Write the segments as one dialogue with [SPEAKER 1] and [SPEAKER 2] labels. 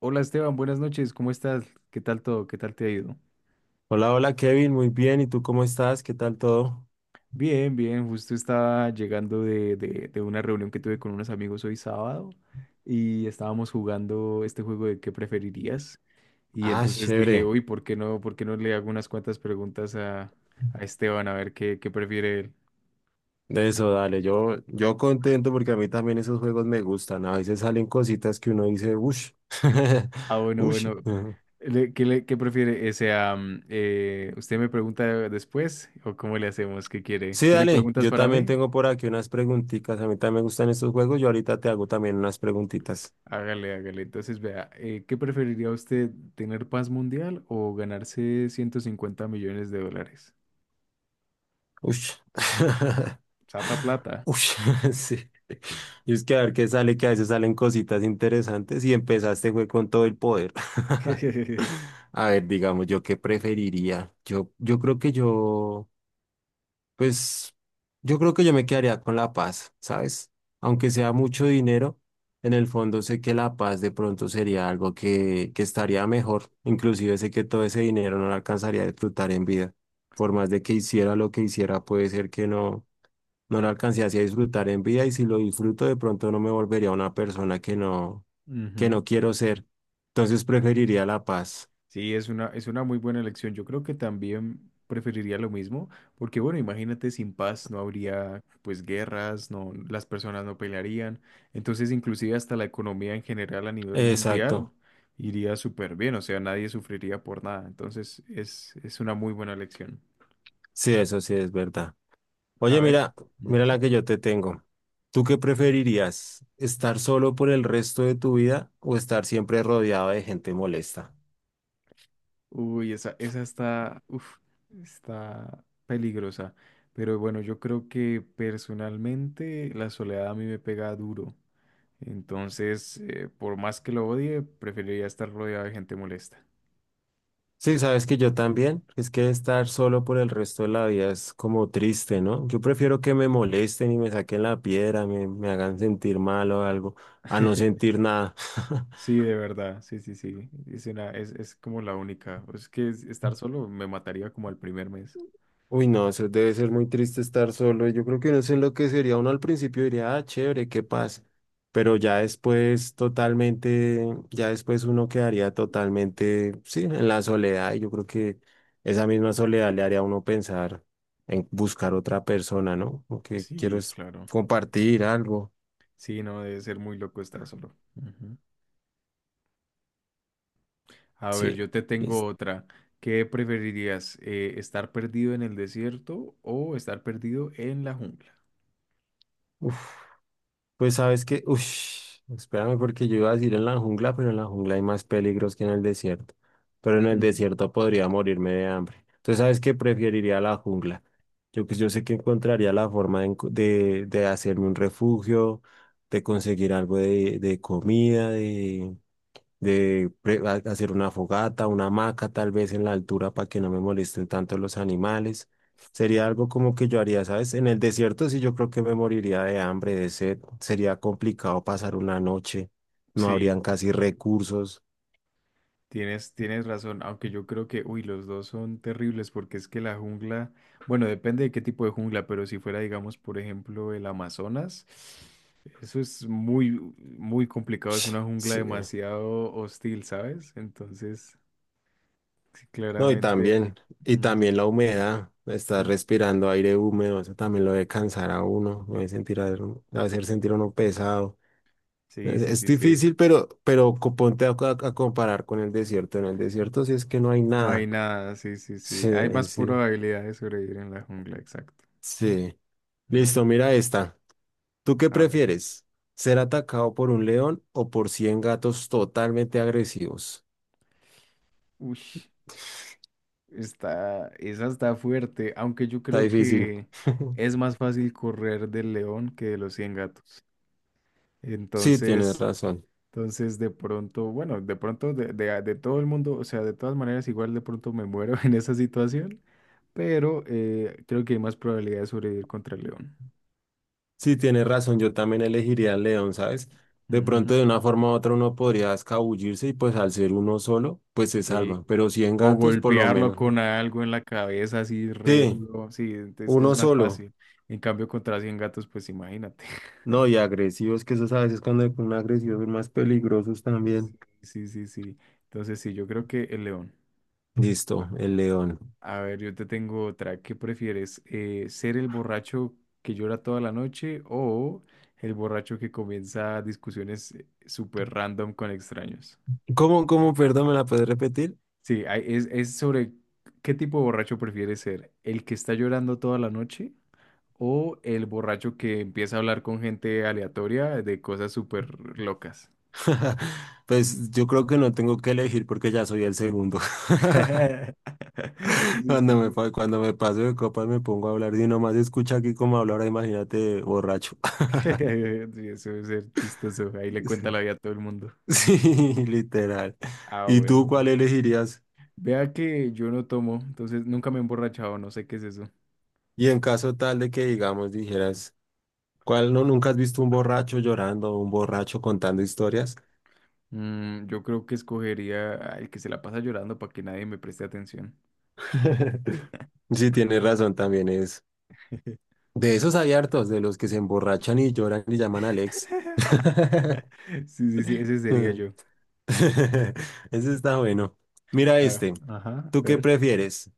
[SPEAKER 1] Hola Esteban, buenas noches, ¿cómo estás? ¿Qué tal todo? ¿Qué tal te ha ido?
[SPEAKER 2] Hola, hola Kevin, muy bien. ¿Y tú cómo estás? ¿Qué tal todo?
[SPEAKER 1] Bien, bien, justo estaba llegando de una reunión que tuve con unos amigos hoy sábado y estábamos jugando este juego de qué preferirías y
[SPEAKER 2] Ah,
[SPEAKER 1] entonces dije,
[SPEAKER 2] chévere.
[SPEAKER 1] uy, ¿por qué no le hago unas cuantas preguntas a Esteban a ver qué prefiere él?
[SPEAKER 2] De eso, dale. Yo contento porque a mí también esos juegos me gustan. A veces salen cositas que uno dice, ush,
[SPEAKER 1] Ah, bueno,
[SPEAKER 2] ush.
[SPEAKER 1] bueno,
[SPEAKER 2] Ujú.
[SPEAKER 1] ¿ qué prefiere? O sea, ¿usted me pregunta después o cómo le hacemos? ¿Qué quiere?
[SPEAKER 2] Sí,
[SPEAKER 1] ¿Tiene
[SPEAKER 2] dale.
[SPEAKER 1] preguntas
[SPEAKER 2] Yo
[SPEAKER 1] para
[SPEAKER 2] también
[SPEAKER 1] mí?
[SPEAKER 2] tengo por aquí unas preguntitas. A mí también me gustan estos juegos. Yo ahorita te hago también unas preguntitas.
[SPEAKER 1] Hágale, hágale. Entonces, vea, ¿qué preferiría usted, tener paz mundial o ganarse 150 millones de dólares?
[SPEAKER 2] Uy.
[SPEAKER 1] Sata plata.
[SPEAKER 2] Uy, sí. Y es que a ver qué sale, que a veces salen cositas interesantes y empezaste fue con todo el poder. A ver, digamos, yo qué preferiría. Yo creo que yo. Pues yo creo que yo me quedaría con la paz, ¿sabes? Aunque sea mucho dinero, en el fondo sé que la paz de pronto sería algo que estaría mejor. Inclusive sé que todo ese dinero no lo alcanzaría a disfrutar en vida. Por más de que hiciera lo que hiciera, puede ser que no, no lo alcanzase a disfrutar en vida y si lo disfruto de pronto no me volvería una persona que
[SPEAKER 1] Ujú.
[SPEAKER 2] no quiero ser. Entonces preferiría la paz.
[SPEAKER 1] Sí, es una muy buena elección. Yo creo que también preferiría lo mismo, porque bueno, imagínate, sin paz no habría pues guerras, no, las personas no pelearían. Entonces, inclusive hasta la economía en general a nivel mundial
[SPEAKER 2] Exacto.
[SPEAKER 1] iría súper bien, o sea, nadie sufriría por nada. Entonces, es una muy buena elección.
[SPEAKER 2] Sí, eso sí es verdad.
[SPEAKER 1] A
[SPEAKER 2] Oye,
[SPEAKER 1] ver.
[SPEAKER 2] mira, mira la
[SPEAKER 1] Ujú.
[SPEAKER 2] que yo te tengo. ¿Tú qué preferirías? ¿Estar solo por el resto de tu vida o estar siempre rodeado de gente molesta?
[SPEAKER 1] Uy, esa está peligrosa. Pero bueno, yo creo que personalmente la soledad a mí me pega duro. Entonces, por más que lo odie, preferiría estar rodeado de gente molesta.
[SPEAKER 2] Sí, sabes que yo también. Es que estar solo por el resto de la vida es como triste, ¿no? Yo prefiero que me molesten y me saquen la piedra, me hagan sentir mal o algo, a no sentir nada.
[SPEAKER 1] Sí, de verdad, sí, sí, sí. Es como la única. Es que estar solo me mataría como al primer mes.
[SPEAKER 2] Uy, no, eso debe ser muy triste estar solo. Yo creo que no sé lo que sería uno al principio diría, ah, chévere, qué paz. Pero ya después totalmente, ya después uno quedaría totalmente, sí, en la soledad. Y yo creo que esa misma soledad le haría a uno pensar en buscar otra persona, ¿no? Lo que quiero
[SPEAKER 1] Sí,
[SPEAKER 2] es
[SPEAKER 1] claro.
[SPEAKER 2] compartir algo.
[SPEAKER 1] Sí, no, debe ser muy loco estar solo. Ujú. A ver,
[SPEAKER 2] Sí.
[SPEAKER 1] yo te tengo
[SPEAKER 2] es-
[SPEAKER 1] otra. ¿Qué preferirías? ¿Estar perdido en el desierto o estar perdido en la jungla?
[SPEAKER 2] uf. Pues sabes que, uff, espérame porque yo iba a decir en la jungla, pero en la jungla hay más peligros que en el desierto. Pero en el
[SPEAKER 1] Mm.
[SPEAKER 2] desierto podría morirme de hambre. Entonces, ¿sabes que preferiría la jungla? Yo, pues, yo sé que encontraría la forma de, de hacerme un refugio, de conseguir algo de comida, de hacer una fogata, una hamaca tal vez en la altura para que no me molesten tanto los animales. Sería algo como que yo haría, ¿sabes? En el desierto sí yo creo que me moriría de hambre, de sed. Sería complicado pasar una noche. No habrían
[SPEAKER 1] Sí,
[SPEAKER 2] casi recursos.
[SPEAKER 1] tienes razón, aunque yo creo que, uy, los dos son terribles porque es que la jungla, bueno, depende de qué tipo de jungla, pero si fuera, digamos, por ejemplo, el Amazonas, eso es muy, muy complicado, es una jungla
[SPEAKER 2] Sí.
[SPEAKER 1] demasiado hostil, ¿sabes? Entonces, sí,
[SPEAKER 2] No,
[SPEAKER 1] claramente.
[SPEAKER 2] y
[SPEAKER 1] Ujú.
[SPEAKER 2] también la humedad. Estar respirando aire húmedo, eso también lo debe cansar a uno, lo debe sentir a, hacer sentir a uno pesado.
[SPEAKER 1] Sí,
[SPEAKER 2] Es
[SPEAKER 1] sí,
[SPEAKER 2] es
[SPEAKER 1] sí, sí.
[SPEAKER 2] difícil, pero, pero ponte a, a comparar con el desierto. En el desierto sí es que no hay
[SPEAKER 1] No hay
[SPEAKER 2] nada.
[SPEAKER 1] nada, sí, sí, sí.
[SPEAKER 2] Sí,
[SPEAKER 1] Hay
[SPEAKER 2] ahí
[SPEAKER 1] más
[SPEAKER 2] sí.
[SPEAKER 1] probabilidad de sobrevivir en la jungla, exacto.
[SPEAKER 2] Sí.
[SPEAKER 1] Mm.
[SPEAKER 2] Listo, mira esta. ¿Tú qué
[SPEAKER 1] A ver.
[SPEAKER 2] prefieres? ¿Ser atacado por un león o por 100 gatos totalmente agresivos?
[SPEAKER 1] Uy, está, esa está fuerte, aunque yo
[SPEAKER 2] Está
[SPEAKER 1] creo
[SPEAKER 2] difícil.
[SPEAKER 1] que es más fácil correr del león que de los 100 gatos.
[SPEAKER 2] Sí, tienes
[SPEAKER 1] Entonces,
[SPEAKER 2] razón.
[SPEAKER 1] de pronto de todo el mundo, o sea, de todas maneras, igual de pronto me muero en esa situación, pero creo que hay más probabilidad de sobrevivir contra el león.
[SPEAKER 2] Sí, tienes razón. Yo también elegiría al león, ¿sabes? De
[SPEAKER 1] Ujú.
[SPEAKER 2] pronto, de una forma u otra, uno podría escabullirse y pues al ser uno solo, pues se
[SPEAKER 1] Sí,
[SPEAKER 2] salva. Pero 100
[SPEAKER 1] o
[SPEAKER 2] gatos, por lo
[SPEAKER 1] golpearlo
[SPEAKER 2] menos,
[SPEAKER 1] con
[SPEAKER 2] ¿no?
[SPEAKER 1] algo en la cabeza así re
[SPEAKER 2] Sí,
[SPEAKER 1] duro. Sí, es que
[SPEAKER 2] uno
[SPEAKER 1] es más
[SPEAKER 2] solo.
[SPEAKER 1] fácil. En cambio, contra 100 gatos, pues imagínate.
[SPEAKER 2] No, y agresivos, que esos a veces cuando se ponen agresivos son más peligrosos también.
[SPEAKER 1] Sí, sí, sí, sí. Entonces, sí, yo creo que el león.
[SPEAKER 2] Listo, el león.
[SPEAKER 1] A ver, yo te tengo otra. ¿Qué prefieres? ¿Ser el borracho que llora toda la noche o el borracho que comienza discusiones súper random con extraños?
[SPEAKER 2] ¿Cómo, cómo, perdón, me la puedes repetir?
[SPEAKER 1] Sí, es sobre qué tipo de borracho prefieres ser. ¿El que está llorando toda la noche? O el borracho que empieza a hablar con gente aleatoria de cosas súper locas.
[SPEAKER 2] Pues yo creo que no tengo que elegir porque ya soy el segundo.
[SPEAKER 1] Sí, sí, sí.
[SPEAKER 2] Cuando me paso de copas me pongo a hablar y nomás escucha aquí cómo hablar, imagínate borracho.
[SPEAKER 1] Sí, eso debe ser chistoso. Ahí
[SPEAKER 2] Sí,
[SPEAKER 1] le cuenta la vida a todo el mundo.
[SPEAKER 2] sí, literal.
[SPEAKER 1] Ah,
[SPEAKER 2] ¿Y
[SPEAKER 1] bueno,
[SPEAKER 2] tú cuál
[SPEAKER 1] bueno.
[SPEAKER 2] elegirías?
[SPEAKER 1] Vea que yo no tomo, entonces nunca me he emborrachado, no sé qué es eso.
[SPEAKER 2] Y en caso tal de que, digamos, dijeras, ¿cuál no nunca has visto un borracho llorando o un borracho contando historias?
[SPEAKER 1] Mm, yo creo que escogería al que se la pasa llorando para que nadie me preste atención.
[SPEAKER 2] Sí, tiene razón también, es. De esos hay hartos, de los que se emborrachan y lloran y llaman a Alex.
[SPEAKER 1] Sí, sí, sí, ese sería yo.
[SPEAKER 2] Ese está bueno. Mira
[SPEAKER 1] Ah,
[SPEAKER 2] este.
[SPEAKER 1] ajá, a
[SPEAKER 2] ¿Tú qué
[SPEAKER 1] ver.
[SPEAKER 2] prefieres?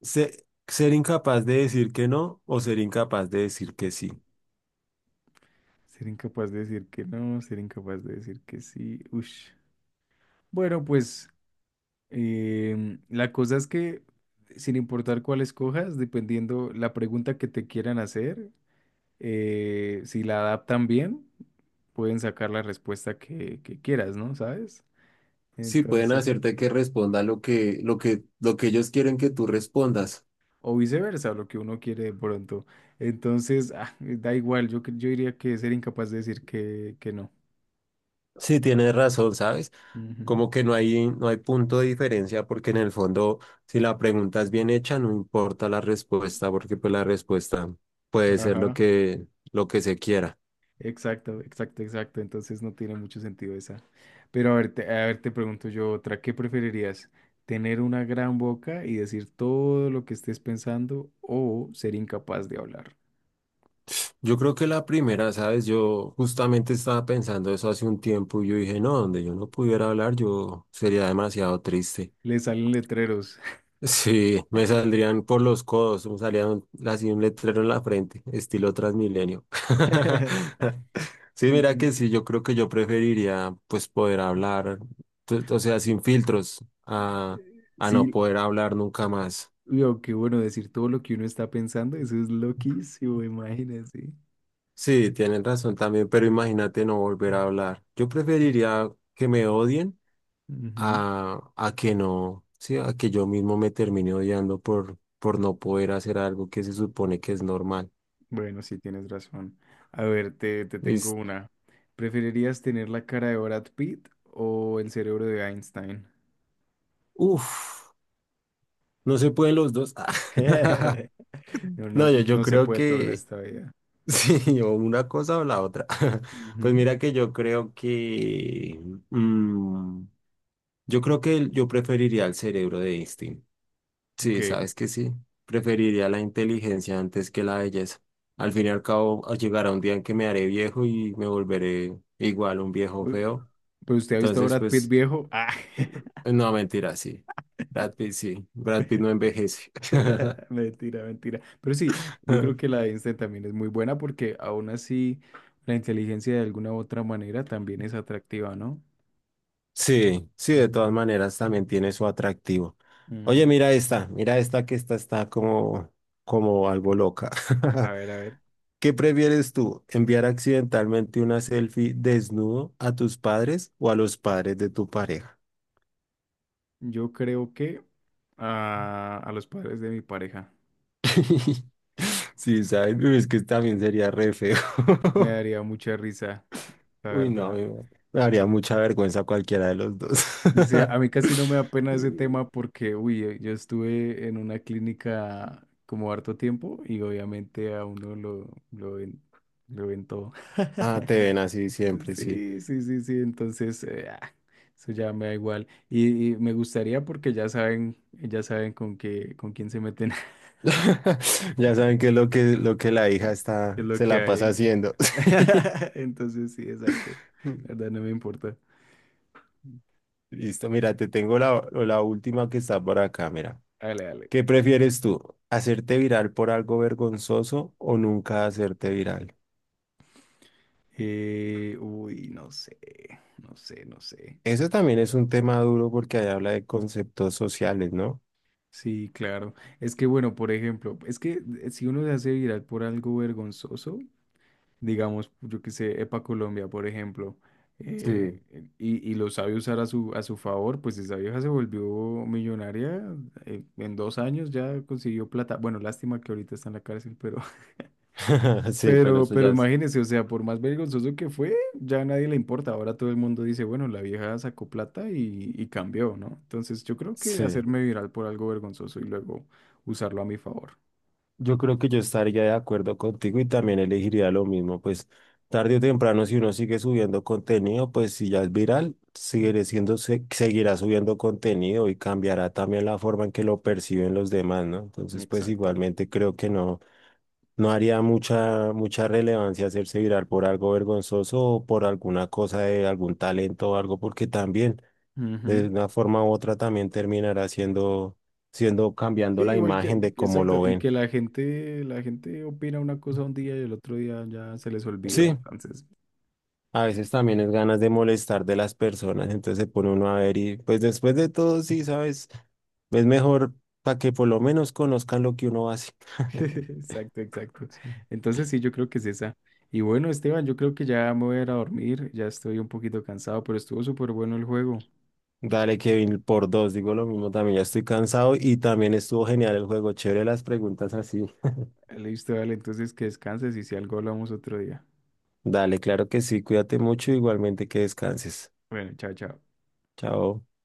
[SPEAKER 2] ¿Ser incapaz de decir que no o ser incapaz de decir que sí?
[SPEAKER 1] Ser incapaz de decir que no, ser incapaz de decir que sí. Ush. Bueno, pues la cosa es que sin importar cuál escojas, dependiendo la pregunta que te quieran hacer, si la adaptan bien, pueden sacar la respuesta que quieras, ¿no? ¿Sabes?
[SPEAKER 2] Sí, pueden
[SPEAKER 1] Entonces,
[SPEAKER 2] hacerte que responda lo que, lo que ellos quieren que tú respondas.
[SPEAKER 1] o viceversa, lo que uno quiere de pronto. Entonces, ah, da igual, yo diría que ser incapaz de decir que no.
[SPEAKER 2] Sí, tienes razón, ¿sabes?
[SPEAKER 1] Ujú.
[SPEAKER 2] Como que no hay, no hay punto de diferencia porque en el fondo, si la pregunta es bien hecha, no importa la respuesta porque pues la respuesta puede ser
[SPEAKER 1] Ajá.
[SPEAKER 2] lo que se quiera.
[SPEAKER 1] Exacto, exacto, exacto. Entonces no tiene mucho sentido esa. Pero a ver, te pregunto yo otra. ¿Qué preferirías? ¿Tener una gran boca y decir todo lo que estés pensando o ser incapaz de hablar?
[SPEAKER 2] Yo creo que la primera, ¿sabes? Yo justamente estaba pensando eso hace un tiempo y yo dije, no, donde yo no pudiera hablar, yo sería demasiado triste.
[SPEAKER 1] Le salen letreros.
[SPEAKER 2] Sí, me saldrían por los codos, así un letrero en la frente, estilo Transmilenio. Sí,
[SPEAKER 1] Sí,
[SPEAKER 2] mira
[SPEAKER 1] sí,
[SPEAKER 2] que sí,
[SPEAKER 1] sí.
[SPEAKER 2] yo creo que yo preferiría pues poder hablar, o sea, sin filtros, a, a no
[SPEAKER 1] Sí,
[SPEAKER 2] poder hablar nunca más.
[SPEAKER 1] lo que bueno, decir todo lo que uno está pensando, eso es loquísimo, imagínate.
[SPEAKER 2] Sí, tienen razón también, pero imagínate no volver a hablar. Yo preferiría que me odien
[SPEAKER 1] Ujú.
[SPEAKER 2] a que no, sí, a que yo mismo me termine odiando por no poder hacer algo que se supone que es normal.
[SPEAKER 1] Bueno, sí, tienes razón. A ver, te tengo una. ¿Preferirías tener la cara de Brad Pitt o el cerebro de Einstein?
[SPEAKER 2] Uf, no se pueden los dos.
[SPEAKER 1] No,
[SPEAKER 2] No,
[SPEAKER 1] no,
[SPEAKER 2] yo
[SPEAKER 1] no se
[SPEAKER 2] creo
[SPEAKER 1] puede todo en
[SPEAKER 2] que
[SPEAKER 1] esta vida.
[SPEAKER 2] sí, o una cosa o la otra. Pues
[SPEAKER 1] Ujú.
[SPEAKER 2] mira que yo creo que mm, yo creo que yo preferiría el cerebro de Einstein.
[SPEAKER 1] Ok.
[SPEAKER 2] Sí, sabes que sí. Preferiría la inteligencia antes que la belleza. Al fin y al cabo, llegará un día en que me haré viejo y me volveré igual un viejo
[SPEAKER 1] Uy,
[SPEAKER 2] feo.
[SPEAKER 1] pero usted ha visto a
[SPEAKER 2] Entonces,
[SPEAKER 1] Brad Pitt
[SPEAKER 2] pues,
[SPEAKER 1] viejo. Ah.
[SPEAKER 2] no, mentira, sí. Brad Pitt, sí. Brad Pitt no envejece.
[SPEAKER 1] Mentira, mentira. Pero sí, yo creo que la de Einstein también es muy buena porque aún así la inteligencia de alguna u otra manera también es atractiva, ¿no?
[SPEAKER 2] Sí, sí, de
[SPEAKER 1] Ujú.
[SPEAKER 2] todas maneras también tiene su atractivo. Oye,
[SPEAKER 1] Ujú.
[SPEAKER 2] mira esta que esta está como, como algo loca.
[SPEAKER 1] A ver, a ver.
[SPEAKER 2] ¿Qué prefieres tú, enviar accidentalmente una selfie desnudo a tus padres o a los padres de tu pareja?
[SPEAKER 1] Yo creo que a, los padres de mi pareja
[SPEAKER 2] Sí, ¿sabes? Uy, es que también sería re feo.
[SPEAKER 1] me daría mucha risa, la
[SPEAKER 2] Uy, no,
[SPEAKER 1] verdad.
[SPEAKER 2] me daría mucha vergüenza cualquiera de los dos.
[SPEAKER 1] Sí, a mí casi no me da pena ese tema porque, uy, yo estuve en una clínica como harto tiempo y obviamente a uno lo ven, lo ven todo.
[SPEAKER 2] Ah, te ven así siempre, sí.
[SPEAKER 1] Sí, sí, sí, sí, entonces eso ya me da igual. Y me gustaría porque ya saben con qué, con quién se meten,
[SPEAKER 2] Ya saben que es lo que la hija
[SPEAKER 1] qué
[SPEAKER 2] está,
[SPEAKER 1] es lo
[SPEAKER 2] se
[SPEAKER 1] que
[SPEAKER 2] la pasa
[SPEAKER 1] hay.
[SPEAKER 2] haciendo.
[SPEAKER 1] Entonces sí, exacto. La verdad no me importa.
[SPEAKER 2] Listo, mira, te tengo la, la última que está por acá, mira.
[SPEAKER 1] Dale, dale.
[SPEAKER 2] ¿Qué prefieres tú? ¿Hacerte viral por algo vergonzoso o nunca hacerte viral?
[SPEAKER 1] Uy, no sé, no sé, no sé.
[SPEAKER 2] Eso también es un tema duro porque ahí habla de conceptos sociales, ¿no?
[SPEAKER 1] Sí, claro. Es que, bueno, por ejemplo, es que si uno se hace viral por algo vergonzoso, digamos, yo que sé, Epa Colombia, por ejemplo,
[SPEAKER 2] Sí.
[SPEAKER 1] y lo sabe usar a su favor, pues esa vieja se volvió millonaria, en 2 años ya consiguió plata. Bueno, lástima que ahorita está en la cárcel, pero
[SPEAKER 2] Sí, pero
[SPEAKER 1] pero,
[SPEAKER 2] eso
[SPEAKER 1] pero
[SPEAKER 2] ya es...
[SPEAKER 1] imagínese, o sea, por más vergonzoso que fue, ya a nadie le importa. Ahora todo el mundo dice, bueno, la vieja sacó plata y cambió, ¿no? Entonces yo creo que
[SPEAKER 2] Sí.
[SPEAKER 1] hacerme viral por algo vergonzoso y luego usarlo a mi favor.
[SPEAKER 2] Yo creo que yo estaría de acuerdo contigo y también elegiría lo mismo, pues tarde o temprano si uno sigue subiendo contenido, pues si ya es viral,
[SPEAKER 1] Mm.
[SPEAKER 2] seguirá subiendo contenido y cambiará también la forma en que lo perciben los demás, ¿no? Entonces, pues
[SPEAKER 1] Exacto.
[SPEAKER 2] igualmente creo que no, no haría mucha, mucha relevancia hacerse viral por algo vergonzoso o por alguna cosa de algún talento o algo, porque también de
[SPEAKER 1] Ujú.
[SPEAKER 2] una forma u otra también terminará siendo, siendo
[SPEAKER 1] Sí,
[SPEAKER 2] cambiando la
[SPEAKER 1] igual que,
[SPEAKER 2] imagen de cómo lo
[SPEAKER 1] exacto, y
[SPEAKER 2] ven.
[SPEAKER 1] que la gente opina una cosa un día y el otro día ya se les olvidó,
[SPEAKER 2] Sí.
[SPEAKER 1] entonces.
[SPEAKER 2] A veces también es ganas de molestar de las personas, entonces se pone uno a ver y pues después de todo, sí, ¿sabes? Es mejor para que por lo menos conozcan lo que uno hace.
[SPEAKER 1] Exacto, exacto. Entonces sí, yo creo que es esa. Y bueno, Esteban, yo creo que ya me voy a ir a dormir, ya estoy un poquito cansado, pero estuvo súper bueno el juego.
[SPEAKER 2] Dale, Kevin, por dos, digo lo mismo, también ya estoy cansado y también estuvo genial el juego, chévere las preguntas así.
[SPEAKER 1] Listo, dale, entonces que descanses y si algo hablamos otro día.
[SPEAKER 2] Dale, claro que sí, cuídate mucho, igualmente que descanses.
[SPEAKER 1] Bueno, chao, chao.
[SPEAKER 2] Chao.